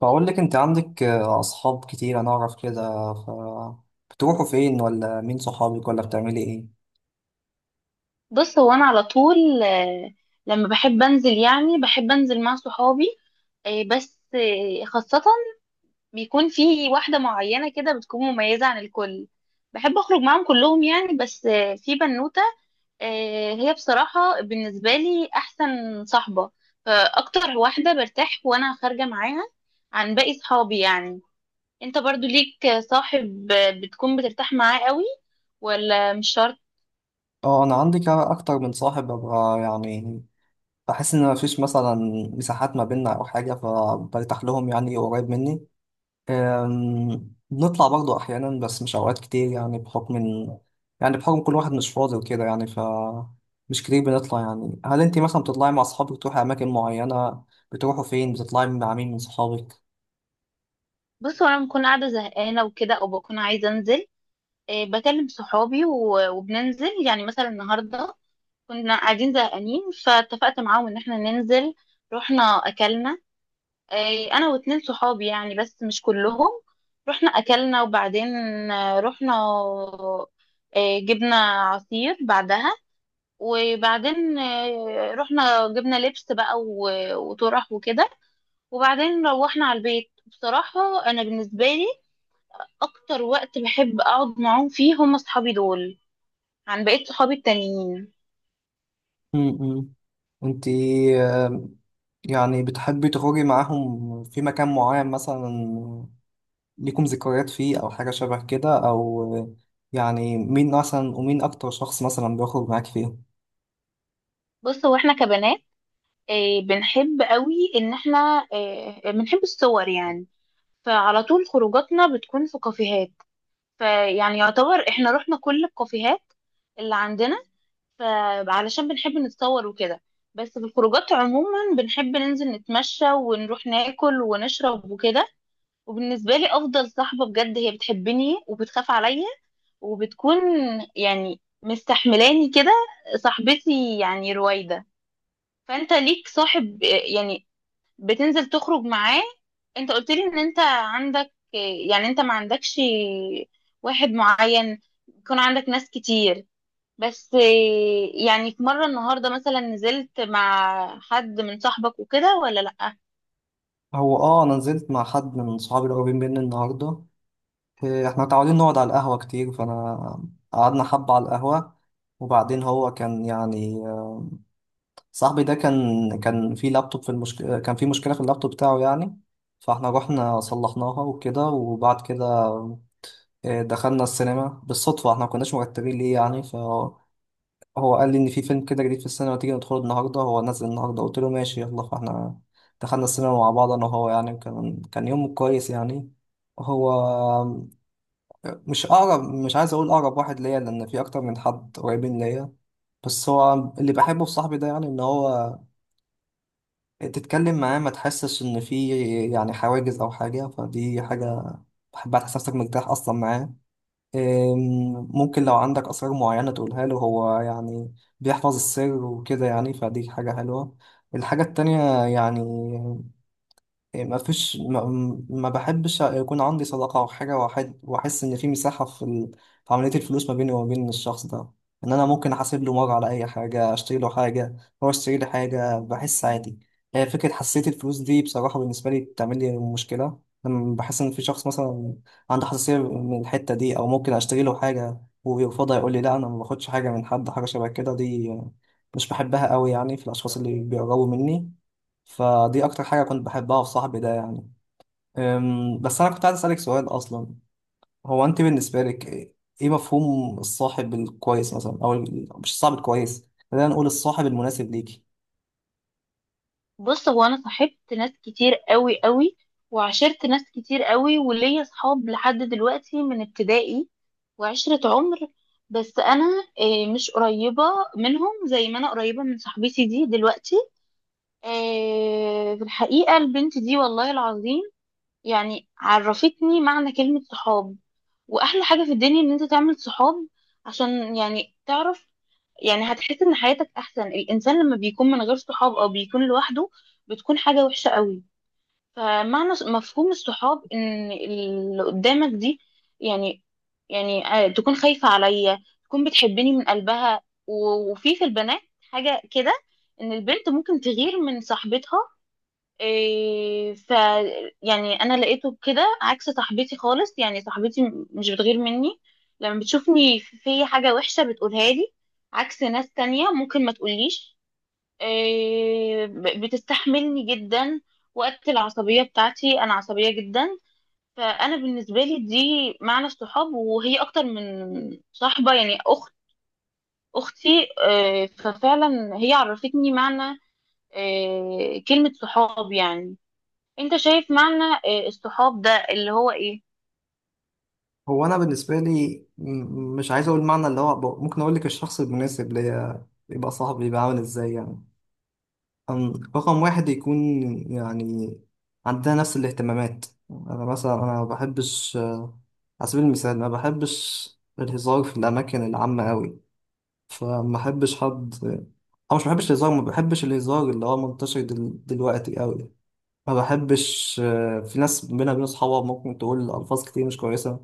بقول لك انت عندك اصحاب كتير، انا اعرف كده. ف بتروحوا فين؟ ولا مين صحابك؟ ولا بتعملي ايه؟ بص، هو انا على طول لما بحب انزل، يعني بحب انزل مع صحابي. بس خاصة بيكون في واحدة معينة كده بتكون مميزة عن الكل. بحب اخرج معاهم كلهم يعني، بس في بنوتة. هي بصراحة بالنسبة لي احسن صاحبة، فاكتر واحدة برتاح وانا خارجة معاها عن باقي صحابي يعني. انت برضو ليك صاحب بتكون بترتاح معاه قوي، ولا مش شرط؟ اه، انا عندي اكتر من صاحب، ببقى يعني بحس ان مفيش مثلا مساحات ما بيننا او حاجه، فبرتاح لهم يعني، قريب مني. بنطلع برضو احيانا، بس مش اوقات كتير، يعني بحكم ان، يعني بحكم كل واحد مش فاضي وكده يعني، مش كتير بنطلع يعني. هل انت مثلا بتطلعي مع اصحابك؟ تروحي اماكن معينه؟ بتروحوا فين؟ بتطلعي مع مين من صحابك؟ بص، وانا بكون قاعده زهقانه وكده، او بكون عايزه انزل، إيه، بكلم صحابي وبننزل. يعني مثلا النهارده كنا قاعدين زهقانين، فاتفقت معاهم ان احنا ننزل. رحنا، اكلنا، إيه، انا واتنين صحابي يعني، بس مش كلهم. رحنا اكلنا، وبعدين رحنا، إيه، جبنا عصير بعدها. وبعدين رحنا جبنا لبس بقى، وطرح وكده. وبعدين روحنا على البيت. بصراحه، انا بالنسبه لي اكتر وقت بحب اقعد معاهم فيه هم اصحابي دول، عن بقية صحابي التانيين. امم انت يعني بتحبي تخرجي معاهم في مكان معين مثلا؟ ليكم ذكريات فيه، او حاجة شبه كده؟ او يعني مين مثلا، ومين اكتر شخص مثلا بيخرج معاك فيه؟ بص، هو احنا كبنات بنحب قوي ان احنا بنحب الصور يعني. فعلى طول خروجاتنا بتكون في كافيهات، فيعني يعتبر احنا رحنا كل الكافيهات اللي عندنا، فعلشان بنحب نتصور وكده. بس في الخروجات عموما بنحب ننزل نتمشى ونروح ناكل ونشرب وكده. وبالنسبة لي، أفضل صاحبة بجد هي بتحبني وبتخاف عليا، وبتكون يعني مستحملاني كده، صاحبتي يعني رويدة. فانت ليك صاحب يعني بتنزل تخرج معاه؟ انت قلت لي ان انت عندك، يعني انت ما عندكش واحد معين، يكون عندك ناس كتير، بس يعني في مرة النهاردة مثلا نزلت مع حد من صاحبك وكده، ولا لأ؟ هو انا نزلت مع حد من صحابي القريبين مني النهاردة. احنا متعودين نقعد على القهوة كتير، فانا قعدنا حبة على القهوة، وبعدين هو كان يعني صاحبي ده، كان في لابتوب، كان في مشكلة في اللابتوب بتاعه يعني، فاحنا رحنا صلحناها وكده. وبعد كده دخلنا السينما بالصدفة، احنا ما كناش مرتبين ليه يعني، فهو قال لي ان في فيلم كده جديد في السينما، تيجي ندخله النهاردة، هو نازل النهاردة. قلت له ماشي، يلا، فاحنا دخلنا السينما مع بعض، انا وهو يعني. كان يوم كويس يعني. هو مش عايز اقول اقرب واحد ليا، لان في اكتر من حد قريبين ليا، بس هو اللي بحبه في صاحبي ده، يعني ان هو تتكلم معاه ما تحسش ان في يعني حواجز او حاجه، فدي حاجه بحبها، تحس نفسك مرتاح اصلا معاه. ممكن لو عندك اسرار معينه تقولها له، هو يعني بيحفظ السر وكده، يعني فدي حاجه حلوه. الحاجه التانية يعني إيه، ما فيش ما, ما بحبش يكون عندي صداقة أو حاجة، وأحس إن في مساحة في عملية الفلوس ما بيني وما بين الشخص ده، إن أنا ممكن أحاسب له مرة على أي حاجة، أشتري له حاجة، هو يشتري لي حاجة، بحس عادي. هي فكرة حساسية الفلوس دي بصراحة بالنسبة لي بتعمل لي مشكلة، لما بحس إن في شخص مثلا عنده حساسية من الحتة دي، أو ممكن أشتري له حاجة ويرفضها، يقول لي لا أنا ما باخدش حاجة من حد، حاجة شبه كده دي مش بحبها قوي يعني في الأشخاص اللي بيقربوا مني، فدي اكتر حاجة كنت بحبها في صاحبي ده يعني. بس انا كنت عايز اسألك سؤال اصلا، هو انت بالنسبة لك ايه مفهوم الصاحب الكويس مثلا؟ مش الصاحب الكويس، خلينا نقول الصاحب المناسب ليكي. بص، هو انا صاحبت ناس كتير قوي قوي، وعشرت ناس كتير قوي، وليا صحاب لحد دلوقتي من ابتدائي وعشرة عمر. بس انا مش قريبة منهم زي ما انا قريبة من صاحبتي دي دلوقتي. في الحقيقة البنت دي والله العظيم يعني عرفتني معنى كلمة صحاب. واحلى حاجه في الدنيا ان انت تعمل صحاب، عشان يعني تعرف، يعني هتحس ان حياتك احسن. الانسان لما بيكون من غير صحاب او بيكون لوحده بتكون حاجه وحشه قوي. مفهوم الصحاب ان اللي قدامك دي يعني يعني تكون خايفه عليا، تكون بتحبني من قلبها. وفي في البنات حاجه كده، ان البنت ممكن تغير من صاحبتها. إيه ف، يعني انا لقيته كده عكس صاحبتي خالص. يعني صاحبتي مش بتغير مني، لما بتشوفني في حاجة وحشة بتقولها لي، عكس ناس تانية ممكن ما تقوليش. إيه، بتستحملني جدا وقت العصبية بتاعتي، انا عصبية جدا. فانا بالنسبة لي دي معنى الصحاب، وهي اكتر من صاحبة، يعني اخت، اختي. إيه، ففعلا هي عرفتني معنى، إيه، كلمة صحاب يعني. انت شايف معنى الصحاب ده اللي هو ايه؟ هو انا بالنسبة لي مش عايز اقول معنى اللي هو، ممكن اقول لك الشخص المناسب ليا يبقى صاحبي يبقى عامل ازاي يعني. رقم واحد، يكون يعني عندنا نفس الاهتمامات. انا مثلا، انا ما بحبش، على سبيل المثال، ما بحبش الهزار في الأماكن العامة أوي، فما بحبش حد. او مش ما بحبش الهزار ما بحبش الهزار اللي هو منتشر دلوقتي قوي. ما بحبش في ناس بينها وبين اصحابها ممكن تقول الفاظ كتير مش كويسه،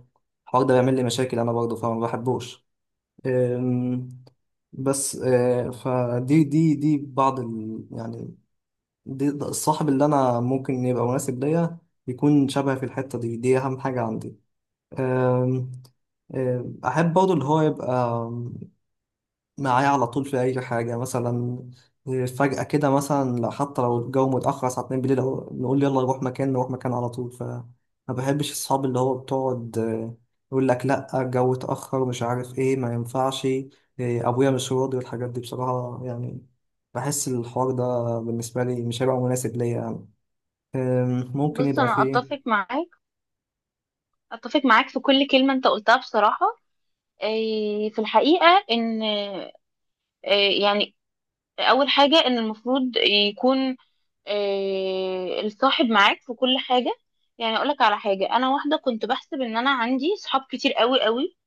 الحوار ده بيعمل لي مشاكل انا برضه، فما بحبوش. أم، بس آه، فدي دي بعض يعني، ده الصاحب اللي انا ممكن يبقى مناسب ليا، يكون شبه في الحته دي. دي اهم حاجه عندي. أم، أم، احب برضه اللي هو يبقى معايا على طول في أي حاجة، مثلا فجأة كده مثلا، حتى لو الجو متأخر الساعة 2 بالليل، أو نقول يلا نروح مكان، نروح مكان على طول، فما بحبش الصحاب اللي هو بتقعد يقول لك لأ، الجو اتأخر ومش عارف إيه، ما ينفعش، أبويا مش راضي، والحاجات دي بصراحة يعني بحس الحوار ده بالنسبة لي مش هيبقى مناسب ليا يعني. ممكن بص، يبقى انا فيه. اتفق معاك، اتفق معاك في كل كلمة انت قلتها بصراحة. في الحقيقة ان آه، يعني اول حاجة ان المفروض يكون الصاحب معاك في كل حاجة. يعني اقولك على حاجة، انا واحدة كنت بحسب ان انا عندي صحاب كتير قوي قوي،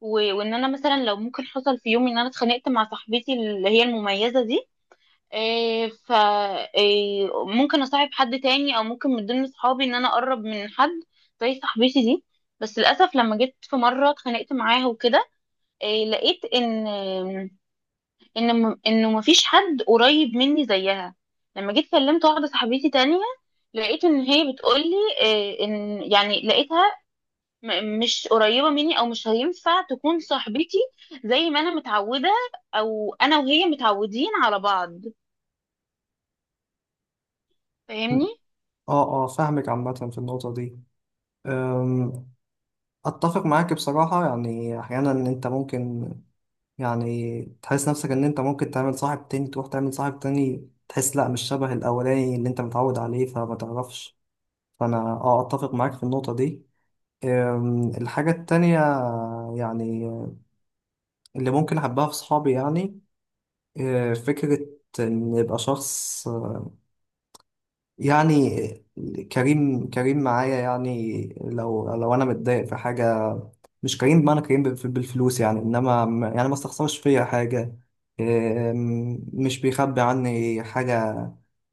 وان انا مثلا لو ممكن حصل في يوم ان انا اتخانقت مع صاحبتي اللي هي المميزة دي، إيه ف، إيه، ممكن اصاحب حد تاني، او ممكن من ضمن صحابي ان انا اقرب من حد زي صاحبتي دي. بس للاسف لما جيت في مره اتخانقت معاها وكده، إيه، لقيت انه مفيش حد قريب مني زيها. لما جيت كلمت واحده صاحبتي تانية، لقيت ان هي بتقولي، إيه، ان يعني لقيتها مش قريبه مني، او مش هينفع تكون صاحبتي زي ما انا متعوده، او انا وهي متعودين على بعض. فاهمني؟ اه، اه، فاهمك. عامة في النقطة دي اتفق معاك بصراحة، يعني احيانا ان انت ممكن يعني تحس نفسك ان انت ممكن تعمل صاحب تاني، تروح تعمل صاحب تاني تحس لا مش شبه الاولاني اللي انت متعود عليه، فما تعرفش. فانا اتفق معاك في النقطة دي. الحاجة التانية يعني اللي ممكن احبها في صحابي يعني، فكرة ان يبقى شخص يعني كريم، كريم معايا، يعني لو انا متضايق في حاجة، مش كريم بمعنى كريم بالفلوس يعني، انما يعني ما استخسرش فيا حاجه. مش بيخبي عني حاجه،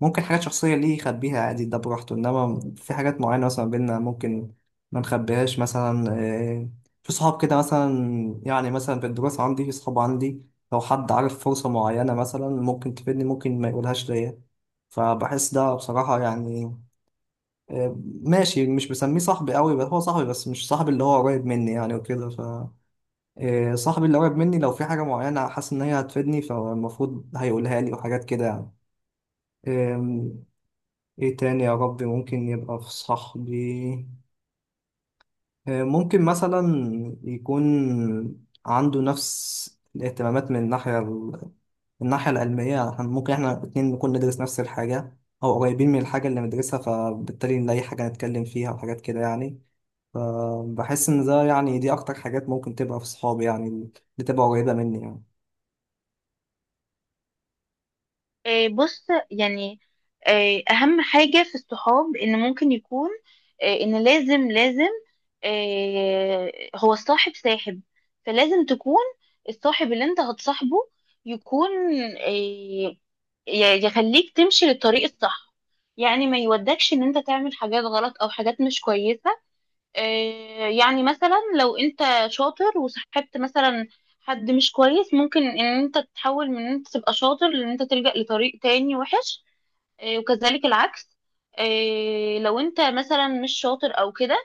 ممكن حاجات شخصيه ليه يخبيها عادي، ده براحته، انما في حاجات معينه مثلا بينا، ممكن ما نخبيهاش مثلا. في صحاب كده مثلا يعني، مثلا في الدراسه عندي، في صحاب عندي لو حد عارف فرصه معينه مثلا ممكن تفيدني، ممكن ما يقولهاش ليا، فبحس ده بصراحه يعني آه، ماشي، مش بسميه صاحبي قوي، بس هو صاحبي، بس مش صاحبي اللي هو قريب مني يعني وكده. صاحبي اللي قريب مني لو في حاجة معينة حاسس إن هي هتفيدني، فالمفروض هيقولها لي، وحاجات كده يعني. إم، إيه تاني يا ربي؟ ممكن يبقى في صاحبي ممكن مثلا يكون عنده نفس الاهتمامات من الناحية من الناحية العلمية يعني، إحنا ممكن إحنا الاتنين نكون ندرس نفس الحاجة أو قريبين من الحاجة اللي بندرسها، فبالتالي نلاقي حاجة نتكلم فيها، وحاجات كده يعني. فبحس إن ده يعني دي أكتر حاجات ممكن تبقى في صحابي يعني، اللي تبقى قريبة مني يعني. بص يعني اهم حاجة في الصحاب ان ممكن يكون ان لازم لازم، هو الصاحب ساحب. فلازم تكون الصاحب اللي انت هتصاحبه يكون آه، يخليك تمشي للطريق الصح. يعني ما يودكش ان انت تعمل حاجات غلط او حاجات مش كويسة. يعني مثلا لو انت شاطر، وصاحبت مثلا حد مش كويس، ممكن ان انت تتحول من ان انت تبقى شاطر لان انت تلجأ لطريق تاني وحش. وكذلك العكس، لو انت مثلا مش شاطر او كده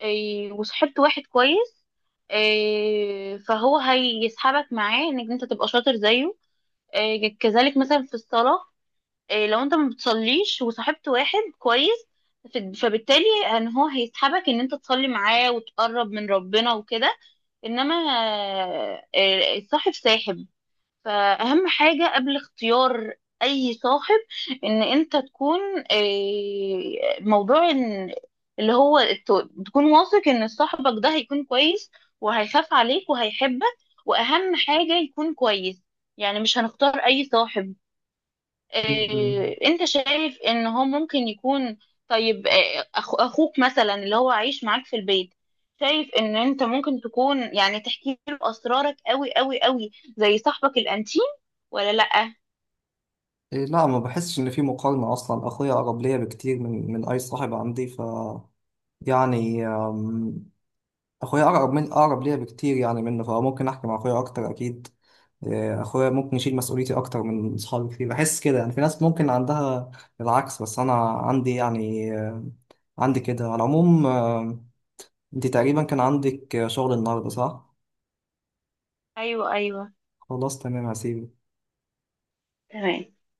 وصاحبت واحد كويس، فهو هيسحبك معاه انك انت تبقى شاطر زيه. كذلك مثلا في الصلاة، إيه، لو انت ما بتصليش وصاحبت واحد كويس، فبالتالي ان هو هيسحبك ان انت تصلي معاه وتقرب من ربنا وكده. انما الصاحب ساحب. فاهم؟ حاجة قبل اختيار اي صاحب ان انت تكون موضوع إن اللي هو تكون واثق ان صاحبك ده هيكون كويس، وهيخاف عليك وهيحبك. واهم حاجة يكون كويس. يعني مش هنختار اي صاحب مم. انت شايف ان هو ممكن يكون. طيب، اخوك مثلا اللي هو عايش معاك في البيت، شايف ان انت ممكن تكون يعني تحكي له اسرارك قوي قوي قوي زي صاحبك الانتيم، ولا لا؟ لا، ما بحسش ان في مقارنة اصلا، اخويا اقرب ليا بكتير من اي صاحب عندي، يعني، اخويا اقرب، من اقرب ليا بكتير يعني منه، فممكن احكي مع اخويا اكتر اكيد. اخويا ممكن يشيل مسؤوليتي اكتر من صحابي كتير، بحس كده يعني. في ناس ممكن عندها العكس، بس انا عندي يعني عندي كده على العموم. انت تقريبا كان عندك شغل النهارده، صح؟ ايوه ايوه. خلاص، تمام، هسيبك. تمام.